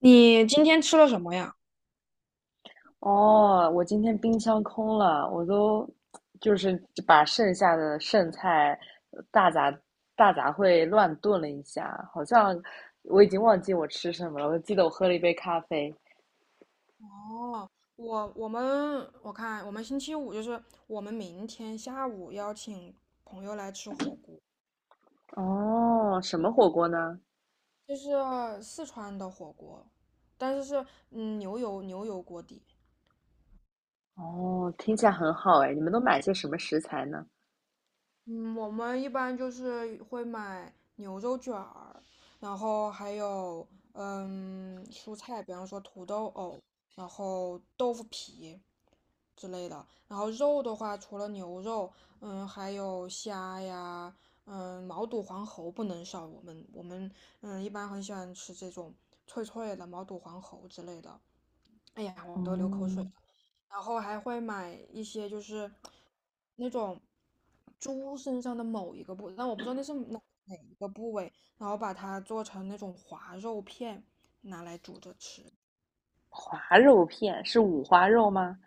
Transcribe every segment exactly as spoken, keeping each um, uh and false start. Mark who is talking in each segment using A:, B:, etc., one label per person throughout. A: 你今天吃了什么呀？
B: 哦，我今天冰箱空了，我都就是把剩下的剩菜大杂大杂烩乱炖了一下，好像我已经忘记我吃什么了。我记得我喝了一杯咖啡。
A: 哦，我我们我看我们星期五就是我们明天下午邀请朋友来吃火锅，
B: 哦，什么火锅呢？
A: 就是四川的火锅，但是是嗯牛油牛油锅底。
B: 哦，听起来很好哎，你们都买些什么食材呢？
A: 嗯，我们一般就是会买牛肉卷儿，然后还有嗯蔬菜，比方说土豆藕，然后豆腐皮之类的。然后肉的话，除了牛肉，嗯，还有虾呀，嗯，毛肚、黄喉不能少。我们我们嗯一般很喜欢吃这种脆脆的毛肚、黄喉之类的。哎呀，我都流口水了。
B: 哦，
A: 然后还会买一些就是那种猪身上的某一个部位，但我不知道那是哪哪一个部位，然后把它做成那种滑肉片，拿来煮着吃。
B: 滑肉片是五花肉吗？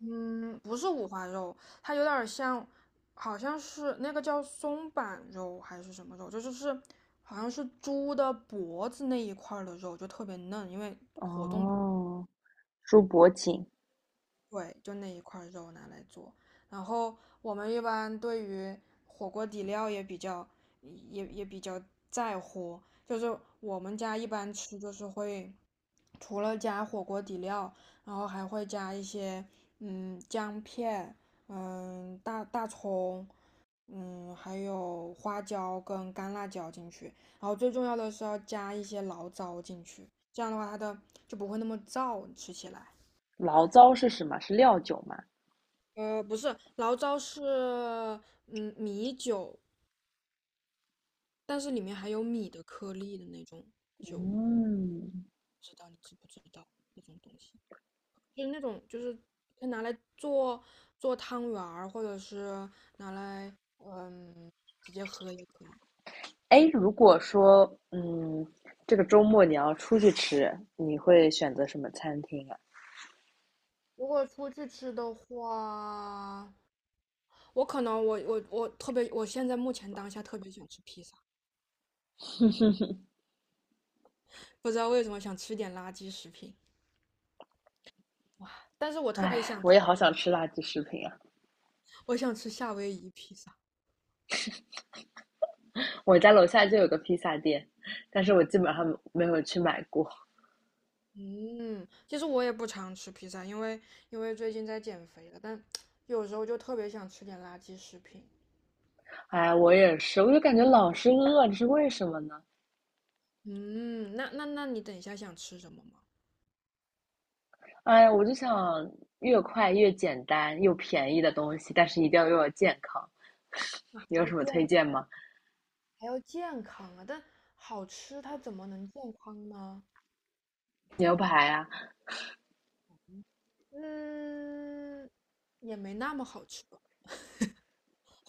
A: 嗯，不是五花肉，它有点儿像，好像是那个叫松板肉还是什么肉，就是是好像是猪的脖子那一块儿的肉，就特别嫩，因为活动
B: 哦，猪脖颈，
A: 对，就那一块儿肉拿来做。然后我们一般对于火锅底料也比较，也也比较在乎。就是我们家一般吃，就是会除了加火锅底料，然后还会加一些嗯姜片，嗯大大葱，嗯还有花椒跟干辣椒进去。然后最重要的是要加一些醪糟进去，这样的话它的就不会那么燥，吃起来。
B: 醪糟是什么？是料酒吗？
A: 呃，不是，醪糟是嗯米酒，但是里面还有米的颗粒的那种，不
B: 嗯，
A: 知道你知不知道那种东西？就是那种就是可以拿来做做汤圆儿，或者是拿来嗯直接喝也可以。
B: 哎，如果说，嗯，这个周末你要出去吃，你会选择什么餐厅啊？
A: 如果出去吃的话，我可能我我我特别，我现在目前当下特别想吃披萨，不知道为什么想吃点垃圾食品，哇！但是我特别
B: 哎，
A: 想，
B: 我也好想吃垃圾食品啊！
A: 我想吃夏威夷披萨。
B: 我家楼下就有个披萨店，但是我基本上没有去买过。
A: 嗯，其实我也不常吃披萨，因为因为最近在减肥了，但 有时候就特别想吃点垃圾食品。
B: 哎，我也是，我就感觉老是饿，这是为什么呢？
A: 嗯，那那那你等一下想吃什么吗？
B: 哎呀，我就想越快越简单又便宜的东西，但是一定要又要健康。
A: 啊，
B: 你
A: 还
B: 有
A: 要
B: 什么推
A: 健
B: 荐吗？
A: 还要健康啊，但好吃它怎么能健康呢？
B: 牛排啊，
A: 嗯，也没那么好吃吧。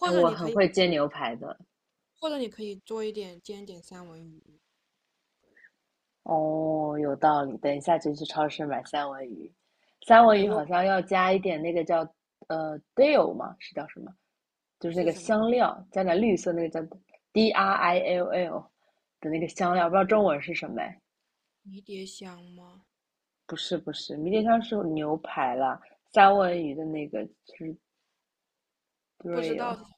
B: 哎，
A: 者
B: 我
A: 你可
B: 很
A: 以，
B: 会煎牛排的。
A: 或者你可以做一点，煎一点三文鱼。
B: 哦，有道理。等一下就去超市买三文鱼，三文
A: 对，
B: 鱼
A: 我
B: 好像要加一点那个叫呃 dill 嘛，是叫什么？就是那
A: 是
B: 个
A: 什么？
B: 香料，加点绿色那个叫 D R I L L 的那个香
A: 呃，
B: 料，不知道中文是什么哎？
A: 迷迭香吗？
B: 不是不是，迷迭香是牛排啦，三文鱼的那个就是
A: 不知道
B: dill，
A: 是什么，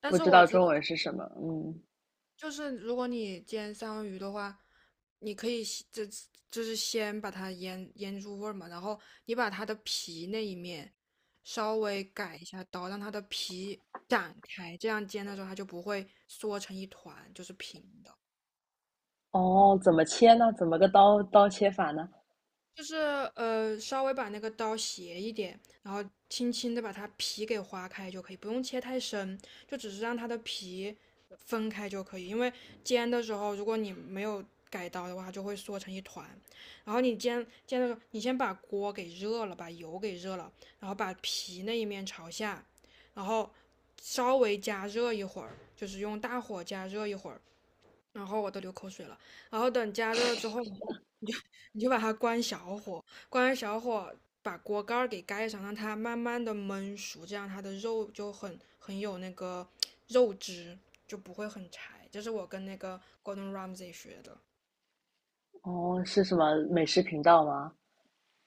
A: 但
B: 不
A: 是
B: 知
A: 我
B: 道
A: 知。
B: 中文是什么。嗯，
A: 就是如果你煎三文鱼的话，你可以先这就是先把它腌腌入味儿嘛，然后你把它的皮那一面稍微改一下刀，让它的皮展开，这样煎的时候它就不会缩成一团，就是平的。
B: 哦，怎么切呢？怎么个刀刀切法呢？
A: 就是呃，稍微把那个刀斜一点，然后轻轻的把它皮给划开就可以，不用切太深，就只是让它的皮分开就可以。因为煎的时候，如果你没有改刀的话，它就会缩成一团。然后你煎煎的时候，你先把锅给热了，把油给热了，然后把皮那一面朝下，然后稍微加热一会儿，就是用大火加热一会儿，然后我都流口水了。然后等加热了之后，你就你就你就把它关小火，关完小火把锅盖儿给盖上，让它慢慢的焖熟，这样它的肉就很很有那个肉汁，就不会很柴。这是我跟那个 Gordon Ramsay 学的，
B: 哦，是什么美食频道吗？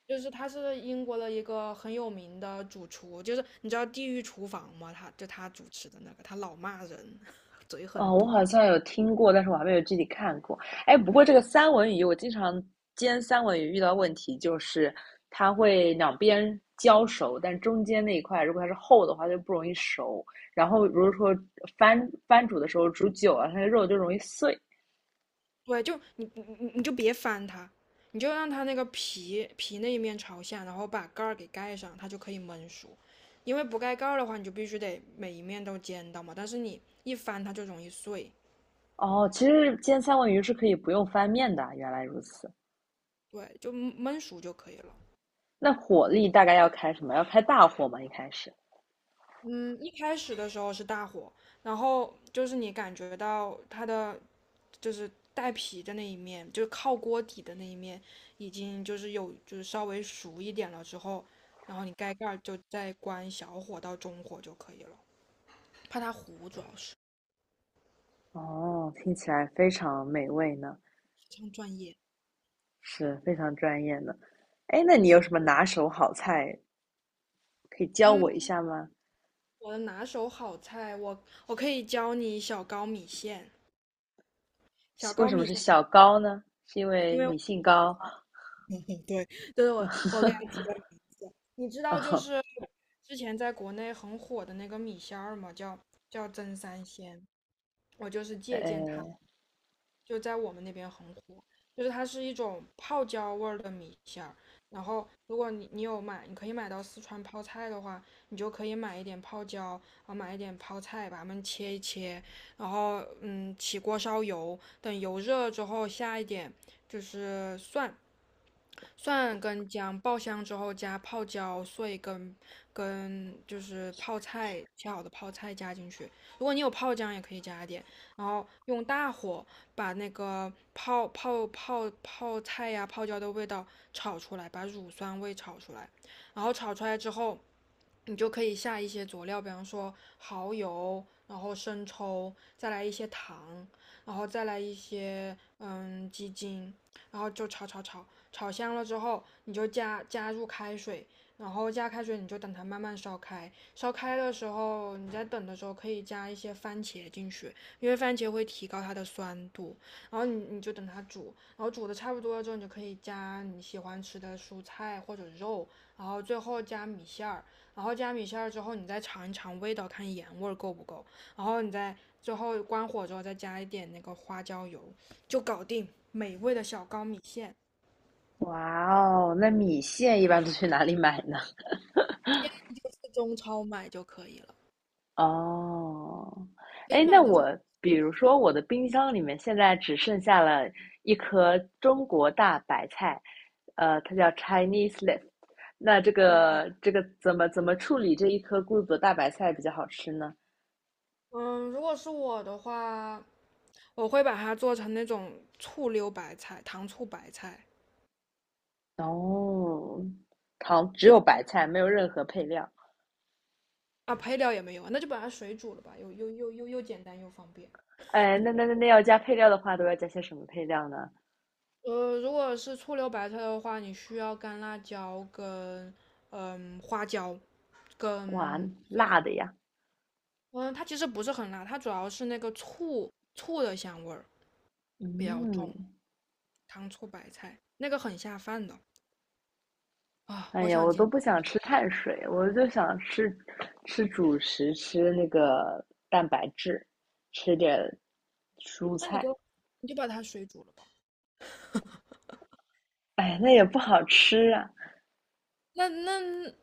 A: 就是他是英国的一个很有名的主厨，就是你知道地狱厨房吗？他就他主持的那个，他老骂人。
B: 哦，我好像有听过，但是我还没有具体看过。哎，不过这个三文鱼，我经常煎三文鱼遇到问题就是它会两边焦熟，但中间那一块如果它是厚的话就不容易熟。然后如果说翻翻煮的时候煮久了，它的肉就容易碎。
A: 对，就你你你你就别翻它，你就让它那个皮皮那一面朝下，然后把盖儿给盖上，它就可以焖熟。因为不盖盖儿的话，你就必须得每一面都煎到嘛，但是你一翻它就容易碎。
B: 哦，其实煎三文鱼是可以不用翻面的，原来如此。
A: 对，就焖焖熟就可以了。
B: 那火力大概要开什么？要开大火吗？一开始？
A: 嗯，一开始的时候是大火，然后就是你感觉到它的就是带皮的那一面，就是靠锅底的那一面，已经就是有就是稍微熟一点了之后，然后你盖盖儿就再关小火到中火就可以了，怕它糊，主要是
B: 哦，听起来非常美味呢。
A: 非常专业。
B: 是非常专业的。哎，那你有什么拿手好菜可以教我
A: 嗯，
B: 一下吗？
A: 我的拿手好菜，我我可以教你小高米线，小
B: 为
A: 高
B: 什么
A: 米
B: 是
A: 线，
B: 小高呢？是因为
A: 因为
B: 你姓高？
A: 对，对我我给你知道就 是之前在国内很火的那个米线儿嘛，叫叫真三鲜，我就是借鉴它。
B: 哎，
A: 就在我们那边很火，就是它是一种泡椒味儿的米线儿。然后，如果你你有买，你可以买到四川泡菜的话，你就可以买一点泡椒，然后买一点泡菜，把它们切一切，然后嗯，起锅烧油，等油热了之后下一点就是蒜，蒜跟姜爆香之后加泡椒碎跟跟就是泡菜，切好的泡菜加进去，如果你有泡姜也可以加一点，然后用大火把那个泡泡泡泡菜呀、泡椒的味道炒出来，把乳酸味炒出来，然后炒出来之后，你就可以下一些佐料，比方说蚝油，然后生抽，再来一些糖，然后再来一些嗯鸡精，然后就炒炒炒，炒香了之后，你就加加入开水，然后加开水你就等它慢慢烧开。烧开的时候，你在等的时候可以加一些番茄进去，因为番茄会提高它的酸度。然后你你就等它煮，然后煮的差不多了之后，你就可以加你喜欢吃的蔬菜或者肉，然后最后加米线儿，然后加米线儿之后，你再尝一尝味道，看盐味儿够不够，然后你再最后关火之后再加一点那个花椒油，就搞定美味的小高米线。
B: 哇哦，那米线一般都去哪里买呢？
A: 就是中超买就可以了，
B: 哦，
A: 可以
B: 哎，那
A: 买那
B: 我
A: 种。
B: 比如说我的冰箱里面现在只剩下了一颗中国大白菜，呃，它叫 Chinese leaf。那这个这个怎么怎么处理这一颗孤独的大白菜比较好吃呢？
A: 嗯，如果是我的话，我会把它做成那种醋溜白菜、糖醋白菜，
B: 哦，糖只有
A: 就
B: 白菜，没有任何配料。
A: 啊，配料也没有啊，那就把它水煮了吧，又又又又又简单又方便。
B: 哎，那那那那要加配料的话，都要加些什么配料呢？
A: 呃，如果是醋溜白菜的话，你需要干辣椒跟嗯花椒，
B: 哇，
A: 跟
B: 辣的呀！
A: 嗯，它其实不是很辣，它主要是那个醋醋的香味儿比较重，
B: 嗯，
A: 糖醋白菜那个很下饭的啊，
B: 哎
A: 我
B: 呀，
A: 想
B: 我都
A: 今
B: 不想吃碳水，我就想吃吃主食，吃那个蛋白质，吃点蔬
A: 那你
B: 菜。
A: 就，你就把它水煮了吧。
B: 哎，那也不好吃啊。
A: 那那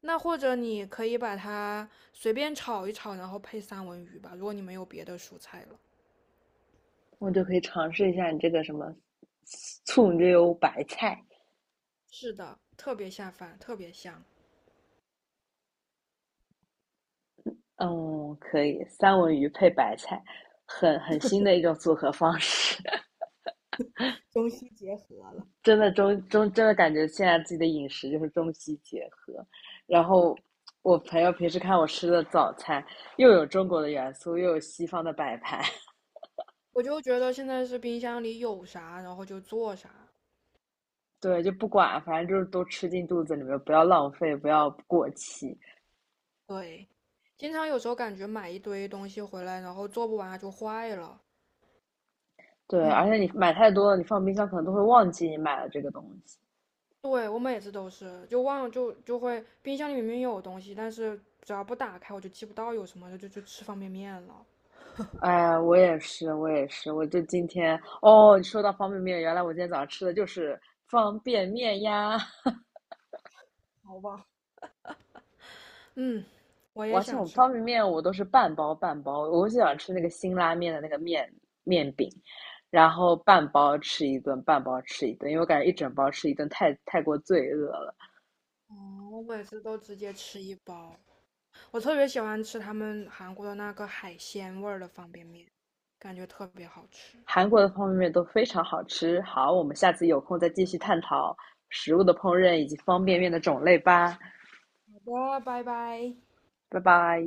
A: 那或者你可以把它随便炒一炒，然后配三文鱼吧，如果你没有别的蔬菜了。
B: 我就可以尝试一下你这个什么醋溜白菜。
A: 是的，特别下饭，特别香。
B: 嗯，可以，三文鱼配白菜，很很新的一种组合方式，真的中中真的感觉现在自己的饮食就是中西结合。然后我朋友平时看我吃的早餐，又有中国的元素，又有西方的摆盘，
A: 我就觉得现在是冰箱里有啥，然后就做啥。
B: 对，就不管，反正就是都吃进肚子里面，不要浪费，不要过期。
A: 对，经常有时候感觉买一堆东西回来，然后做不完它就坏了。
B: 对，而
A: 嗯，
B: 且你买太多了，你放冰箱可能都会忘记你买了这个东西。
A: 对，我每次都是，就忘了，就就会冰箱里明明有东西，但是只要不打开我就记不到有什么，就就就吃方便面了。
B: 哎，我也是，我也是，我就今天哦，你说到方便面，原来我今天早上吃的就是方便面呀！
A: 好吧。嗯，我
B: 我
A: 也
B: 而且我
A: 想吃饭，
B: 方便面我都是半包半包，我就想吃那个辛拉面的那个面面饼，然后半包吃一顿，半包吃一顿，因为我感觉一整包吃一顿太太过罪恶了。
A: 我每次都直接吃一包。我特别喜欢吃他们韩国的那个海鲜味儿的方便面，感觉特别好吃。
B: 韩国的方便面都非常好吃，好，我们下次有空再继续探讨食物的烹饪以及方便面的种类吧，
A: 好的，拜拜。
B: 拜拜。